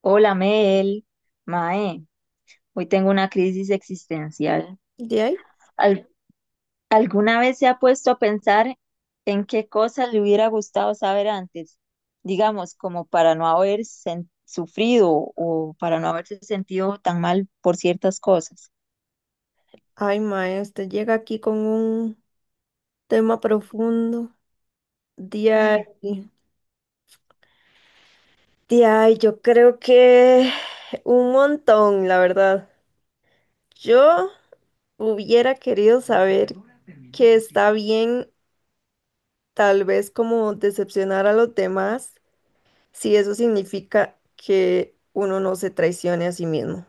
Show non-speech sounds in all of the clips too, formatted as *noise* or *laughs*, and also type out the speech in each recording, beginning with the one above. Hola Mel, Mae, hoy tengo una crisis existencial. De ahí, ¿Al- ¿Alguna vez se ha puesto a pensar en qué cosas le hubiera gustado saber antes? Digamos, como para no haber sufrido o para no haberse sentido tan mal por ciertas cosas. ay, maestra, llega aquí con un tema profundo. De ahí, de ahí, yo creo que un montón, la verdad. Yo hubiera querido saber que está bien, tal vez como decepcionar a los demás, si eso significa que uno no se traicione a sí mismo.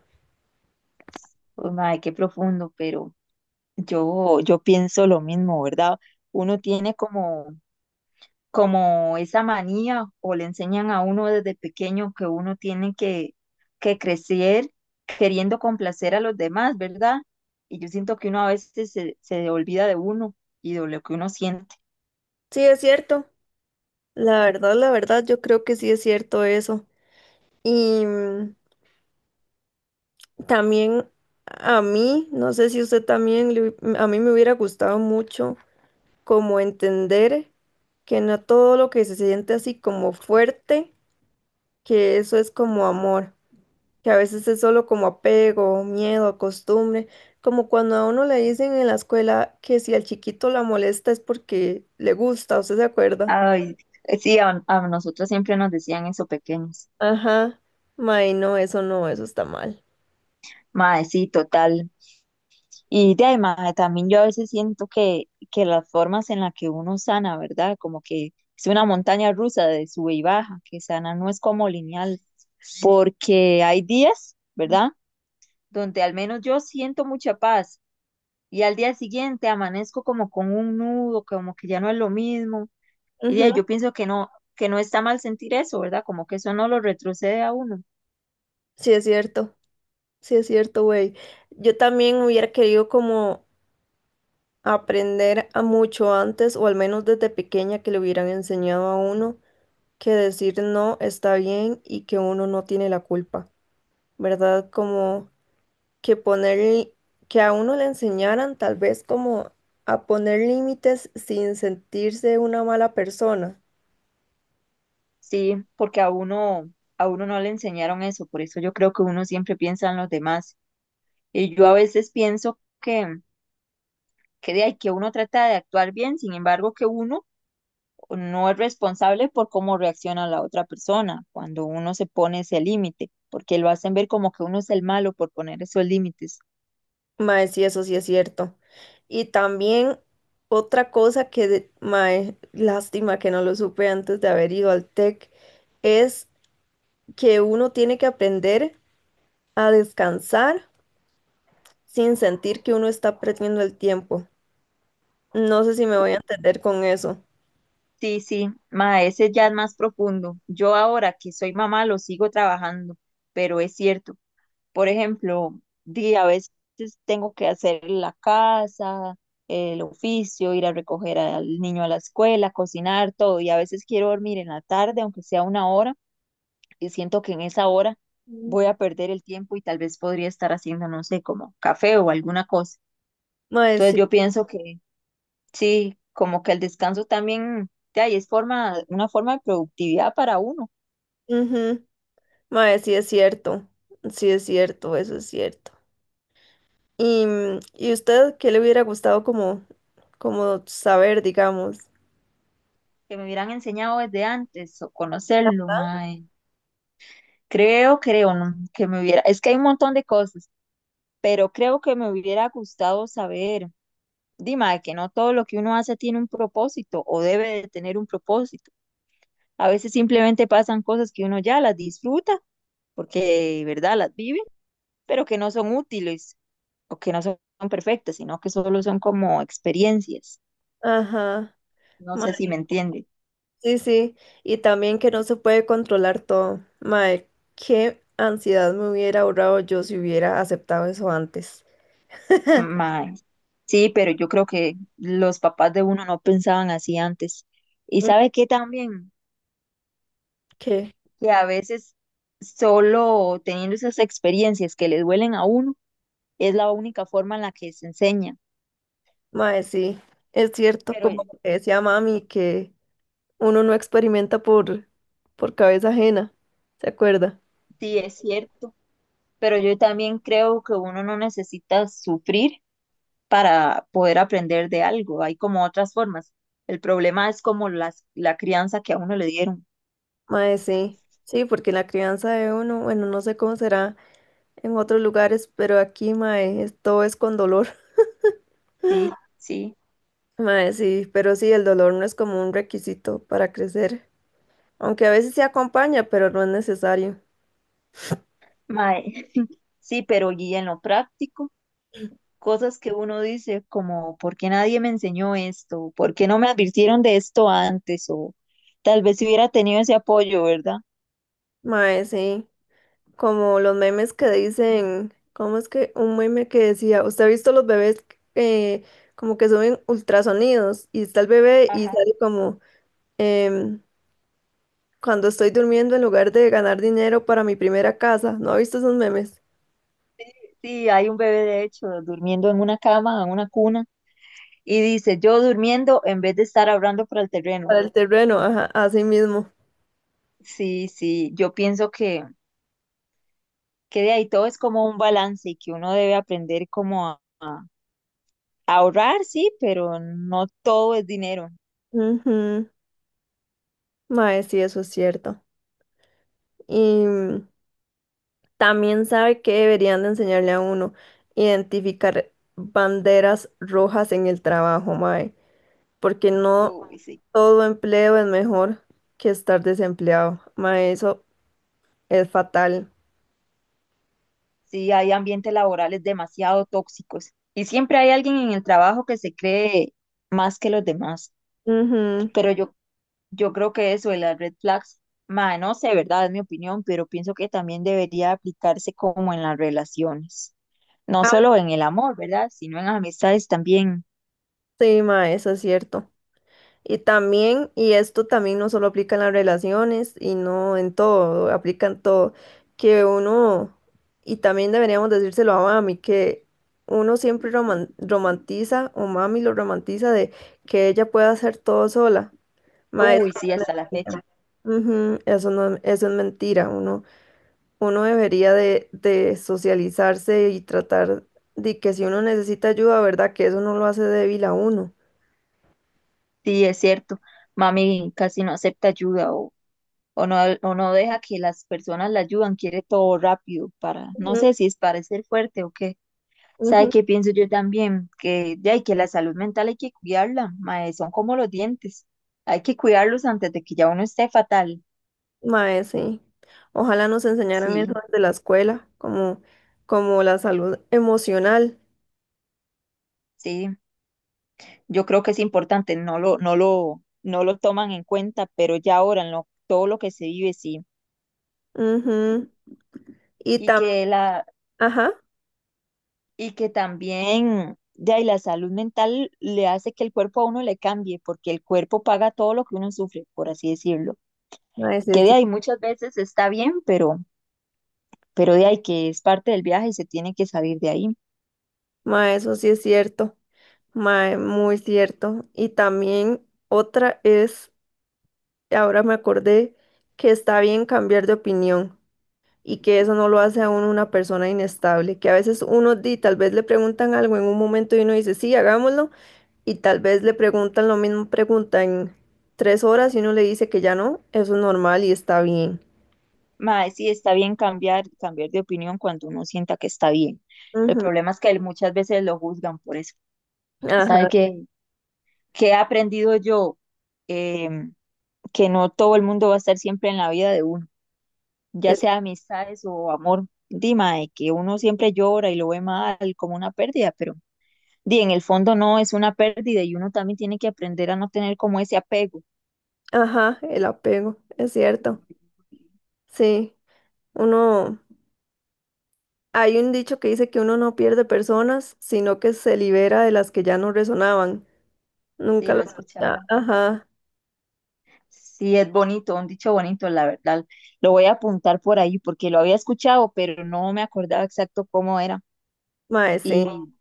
Uy, mae, qué profundo, pero yo pienso lo mismo, ¿verdad? Uno tiene como esa manía o le enseñan a uno desde pequeño que uno tiene que crecer queriendo complacer a los demás, ¿verdad? Y yo siento que uno a veces se olvida de uno y de lo que uno siente. Sí, es cierto. La verdad, yo creo que sí es cierto eso. Y también a mí, no sé si usted también, a mí me hubiera gustado mucho como entender que no todo lo que se siente así como fuerte, que eso es como amor, que a veces es solo como apego, miedo, costumbre, como cuando a uno le dicen en la escuela que si al chiquito la molesta es porque le gusta, ¿usted se acuerda? Ay, sí, a nosotros siempre nos decían eso pequeños. Ajá, may, no, eso no, eso está mal. Mae, sí, total. Y de ahí, mae, también yo a veces siento que las formas en las que uno sana, ¿verdad? Como que es una montaña rusa de sube y baja, que sana no es como lineal. Porque hay días, ¿verdad? Donde al menos yo siento mucha paz y al día siguiente amanezco como con un nudo, como que ya no es lo mismo. Y de Ujú. ahí yo pienso que no está mal sentir eso, ¿verdad? Como que eso no lo retrocede a uno. Sí es cierto, sí es cierto, güey. Yo también hubiera querido como aprender a mucho antes, o al menos desde pequeña, que le hubieran enseñado a uno que decir no está bien y que uno no tiene la culpa, ¿verdad? Como que poner, que a uno le enseñaran tal vez como a poner límites sin sentirse una mala persona. Sí, porque a uno no le enseñaron eso, por eso yo creo que uno siempre piensa en los demás. Y yo a veces pienso que de ahí que uno trata de actuar bien, sin embargo que uno no es responsable por cómo reacciona la otra persona cuando uno se pone ese límite, porque lo hacen ver como que uno es el malo por poner esos límites. Mae, sí, eso sí es cierto. Y también otra cosa que, mae, *laughs* lástima que no lo supe antes de haber ido al TEC, es que uno tiene que aprender a descansar sin sentir que uno está perdiendo el tiempo. No sé si me voy Uh, a entender con eso. sí, sí, ma, ese ya es más profundo. Yo ahora que soy mamá lo sigo trabajando, pero es cierto. Por ejemplo, di, a veces tengo que hacer la casa, el oficio, ir a recoger al niño a la escuela, cocinar, todo, y a veces quiero dormir en la tarde, aunque sea una hora y siento que en esa hora Mm. voy a perder el tiempo y tal vez podría estar haciendo, no sé, como café o alguna cosa. Mae, Entonces sí. yo pienso que sí, como que el descanso también, de ahí es forma, una forma de productividad para uno, Ujú. Mae, sí es cierto. Sí es cierto, eso es cierto. ¿Y usted qué le hubiera gustado como saber, digamos? que me hubieran enseñado desde antes o conocerlo, mae. Creo, ¿no? Que me hubiera, es que hay un montón de cosas, pero creo que me hubiera gustado saber, Dima, que no todo lo que uno hace tiene un propósito o debe de tener un propósito. A veces simplemente pasan cosas que uno ya las disfruta porque, ¿verdad? Las vive, pero que no son útiles o que no son perfectas, sino que solo son como experiencias. Ajá. No sé Mae, si me entiende. sí, sí. Y también que no se puede controlar todo. Mae, qué ansiedad me hubiera ahorrado yo si hubiera aceptado eso antes. Mae. Sí, pero yo creo que los papás de uno no pensaban así antes. Y sabe qué también, ¿Qué? que a veces solo teniendo esas experiencias que le duelen a uno, es la única forma en la que se enseña. Mae, sí, es cierto, Pero como lo que decía mami, que uno no experimenta por cabeza ajena, ¿se acuerda? sí, es cierto. Pero yo también creo que uno no necesita sufrir para poder aprender de algo. Hay como otras formas. El problema es como la crianza que a uno le dieron. Mae, sí, sí, porque la crianza de uno, bueno, no sé cómo será en otros lugares, pero aquí, mae, todo es con dolor. *laughs* Sí, sí. Mae, sí, pero sí, el dolor no es como un requisito para crecer, aunque a veces se acompaña, pero no es necesario. Mae, *laughs* sí, pero y en lo práctico, cosas que uno dice como, ¿por qué nadie me enseñó esto? ¿Por qué no me advirtieron de esto antes? O tal vez si hubiera tenido ese apoyo, ¿verdad? Mae, sí. Como los memes que dicen, ¿cómo es que un meme que decía, usted ha visto los bebés eh, como que suben ultrasonidos y está el bebé y Ajá. sale como, em, cuando estoy durmiendo en lugar de ganar dinero para mi primera casa, ¿no ha visto esos memes? Sí, hay un bebé, de hecho, durmiendo en una cama, en una cuna, y dice, yo durmiendo en vez de estar hablando para el terreno. Para el terreno, ajá, así mismo. Sí, sí, yo pienso que de ahí todo es como un balance y que uno debe aprender como a ahorrar, sí, pero no todo es dinero. Ujú. Mae, sí, eso es cierto. Y también sabe que deberían de enseñarle a uno identificar banderas rojas en el trabajo, mae. Porque no Uy, sí. todo empleo es mejor que estar desempleado. Ma, eso es fatal. Sí, hay ambientes laborales demasiado tóxicos y siempre hay alguien en el trabajo que se cree más que los demás. Ujú. Pero yo creo que eso de las red flags, ma, no sé, ¿verdad? Es mi opinión, pero pienso que también debería aplicarse como en las relaciones, no solo en el amor, ¿verdad? Sino en las amistades también. Sí, ma, eso es cierto. Y también, y esto también no solo aplica en las relaciones y no en todo, aplica en todo, que uno, y también deberíamos decírselo a mami, que uno siempre romantiza, o mami lo romantiza de que ella pueda hacer todo sola. Ma, eso Uy, sí, no es hasta la fecha. mentira. Ujú, eso no, eso es mentira, uno. Uno debería de socializarse y tratar de que si uno necesita ayuda, ¿verdad? Que eso no lo hace débil a uno. Sí, es cierto. Mami casi no acepta ayuda o no deja que las personas la ayudan, quiere todo rápido para, no Ujú, sé si es para ser fuerte o qué. ¿Sabe ujú. qué pienso yo también? Que ya hay que la salud mental hay que cuidarla, mae, son como los dientes. Hay que cuidarlos antes de que ya uno esté fatal. Mae, sí. Ojalá nos enseñaran eso Sí, desde la escuela, como, la salud emocional. sí. Yo creo que es importante, no lo toman en cuenta, pero ya ahora en todo lo que se vive, sí. Ujú. Y Y también, que la, ajá, y que también, ya, y la salud mental le hace que el cuerpo a uno le cambie, porque el cuerpo paga todo lo que uno sufre, por así decirlo. mae, Y sí, que de sí. ahí muchas veces está bien, pero de ahí que es parte del viaje y se tiene que salir de ahí. Mae, eso sí es cierto. Mae, muy cierto. Y también otra es, ahora me acordé que está bien cambiar de opinión. Y que eso no lo hace a uno una persona inestable, que a veces uno di, tal vez le preguntan algo en un momento y uno dice, sí, hagámoslo, y tal vez le preguntan lo mismo, preguntan 3 horas y uno le dice que ya no, eso es normal y está bien. Mae, sí, está bien cambiar de opinión cuando uno sienta que está bien. El Ujú. problema es que muchas veces lo juzgan por eso. ¿Sabe Ajá, qué he aprendido yo? Em, que no todo el mundo va a estar siempre en la vida de uno. Ya es- sea amistades o amor, dima, de que uno siempre llora y lo ve mal como una pérdida, pero di, en el fondo no es una pérdida y uno también tiene que aprender a no tener como ese apego. ajá, el apego, es cierto. Sí, uno, hay un dicho que dice que uno no pierde personas, sino que se libera de las que ya no resonaban. Sí, Nunca lo las... he escuchado. Ajá, Sí, es bonito, un dicho bonito, la verdad. Lo voy a apuntar por ahí porque lo había escuchado, pero no me acordaba exacto cómo era. mae, sí, Y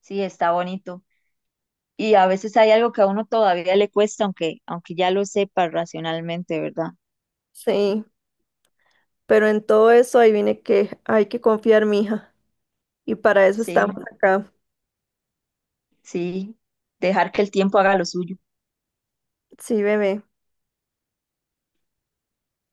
sí, está bonito. Y a veces hay algo que a uno todavía le cuesta, aunque ya lo sepa racionalmente, ¿verdad? sí. Pero en todo eso, ahí viene que hay que confiar, mija. Y para eso estamos Sí. acá. Sí, dejar que el tiempo haga lo suyo. Sí, bebé.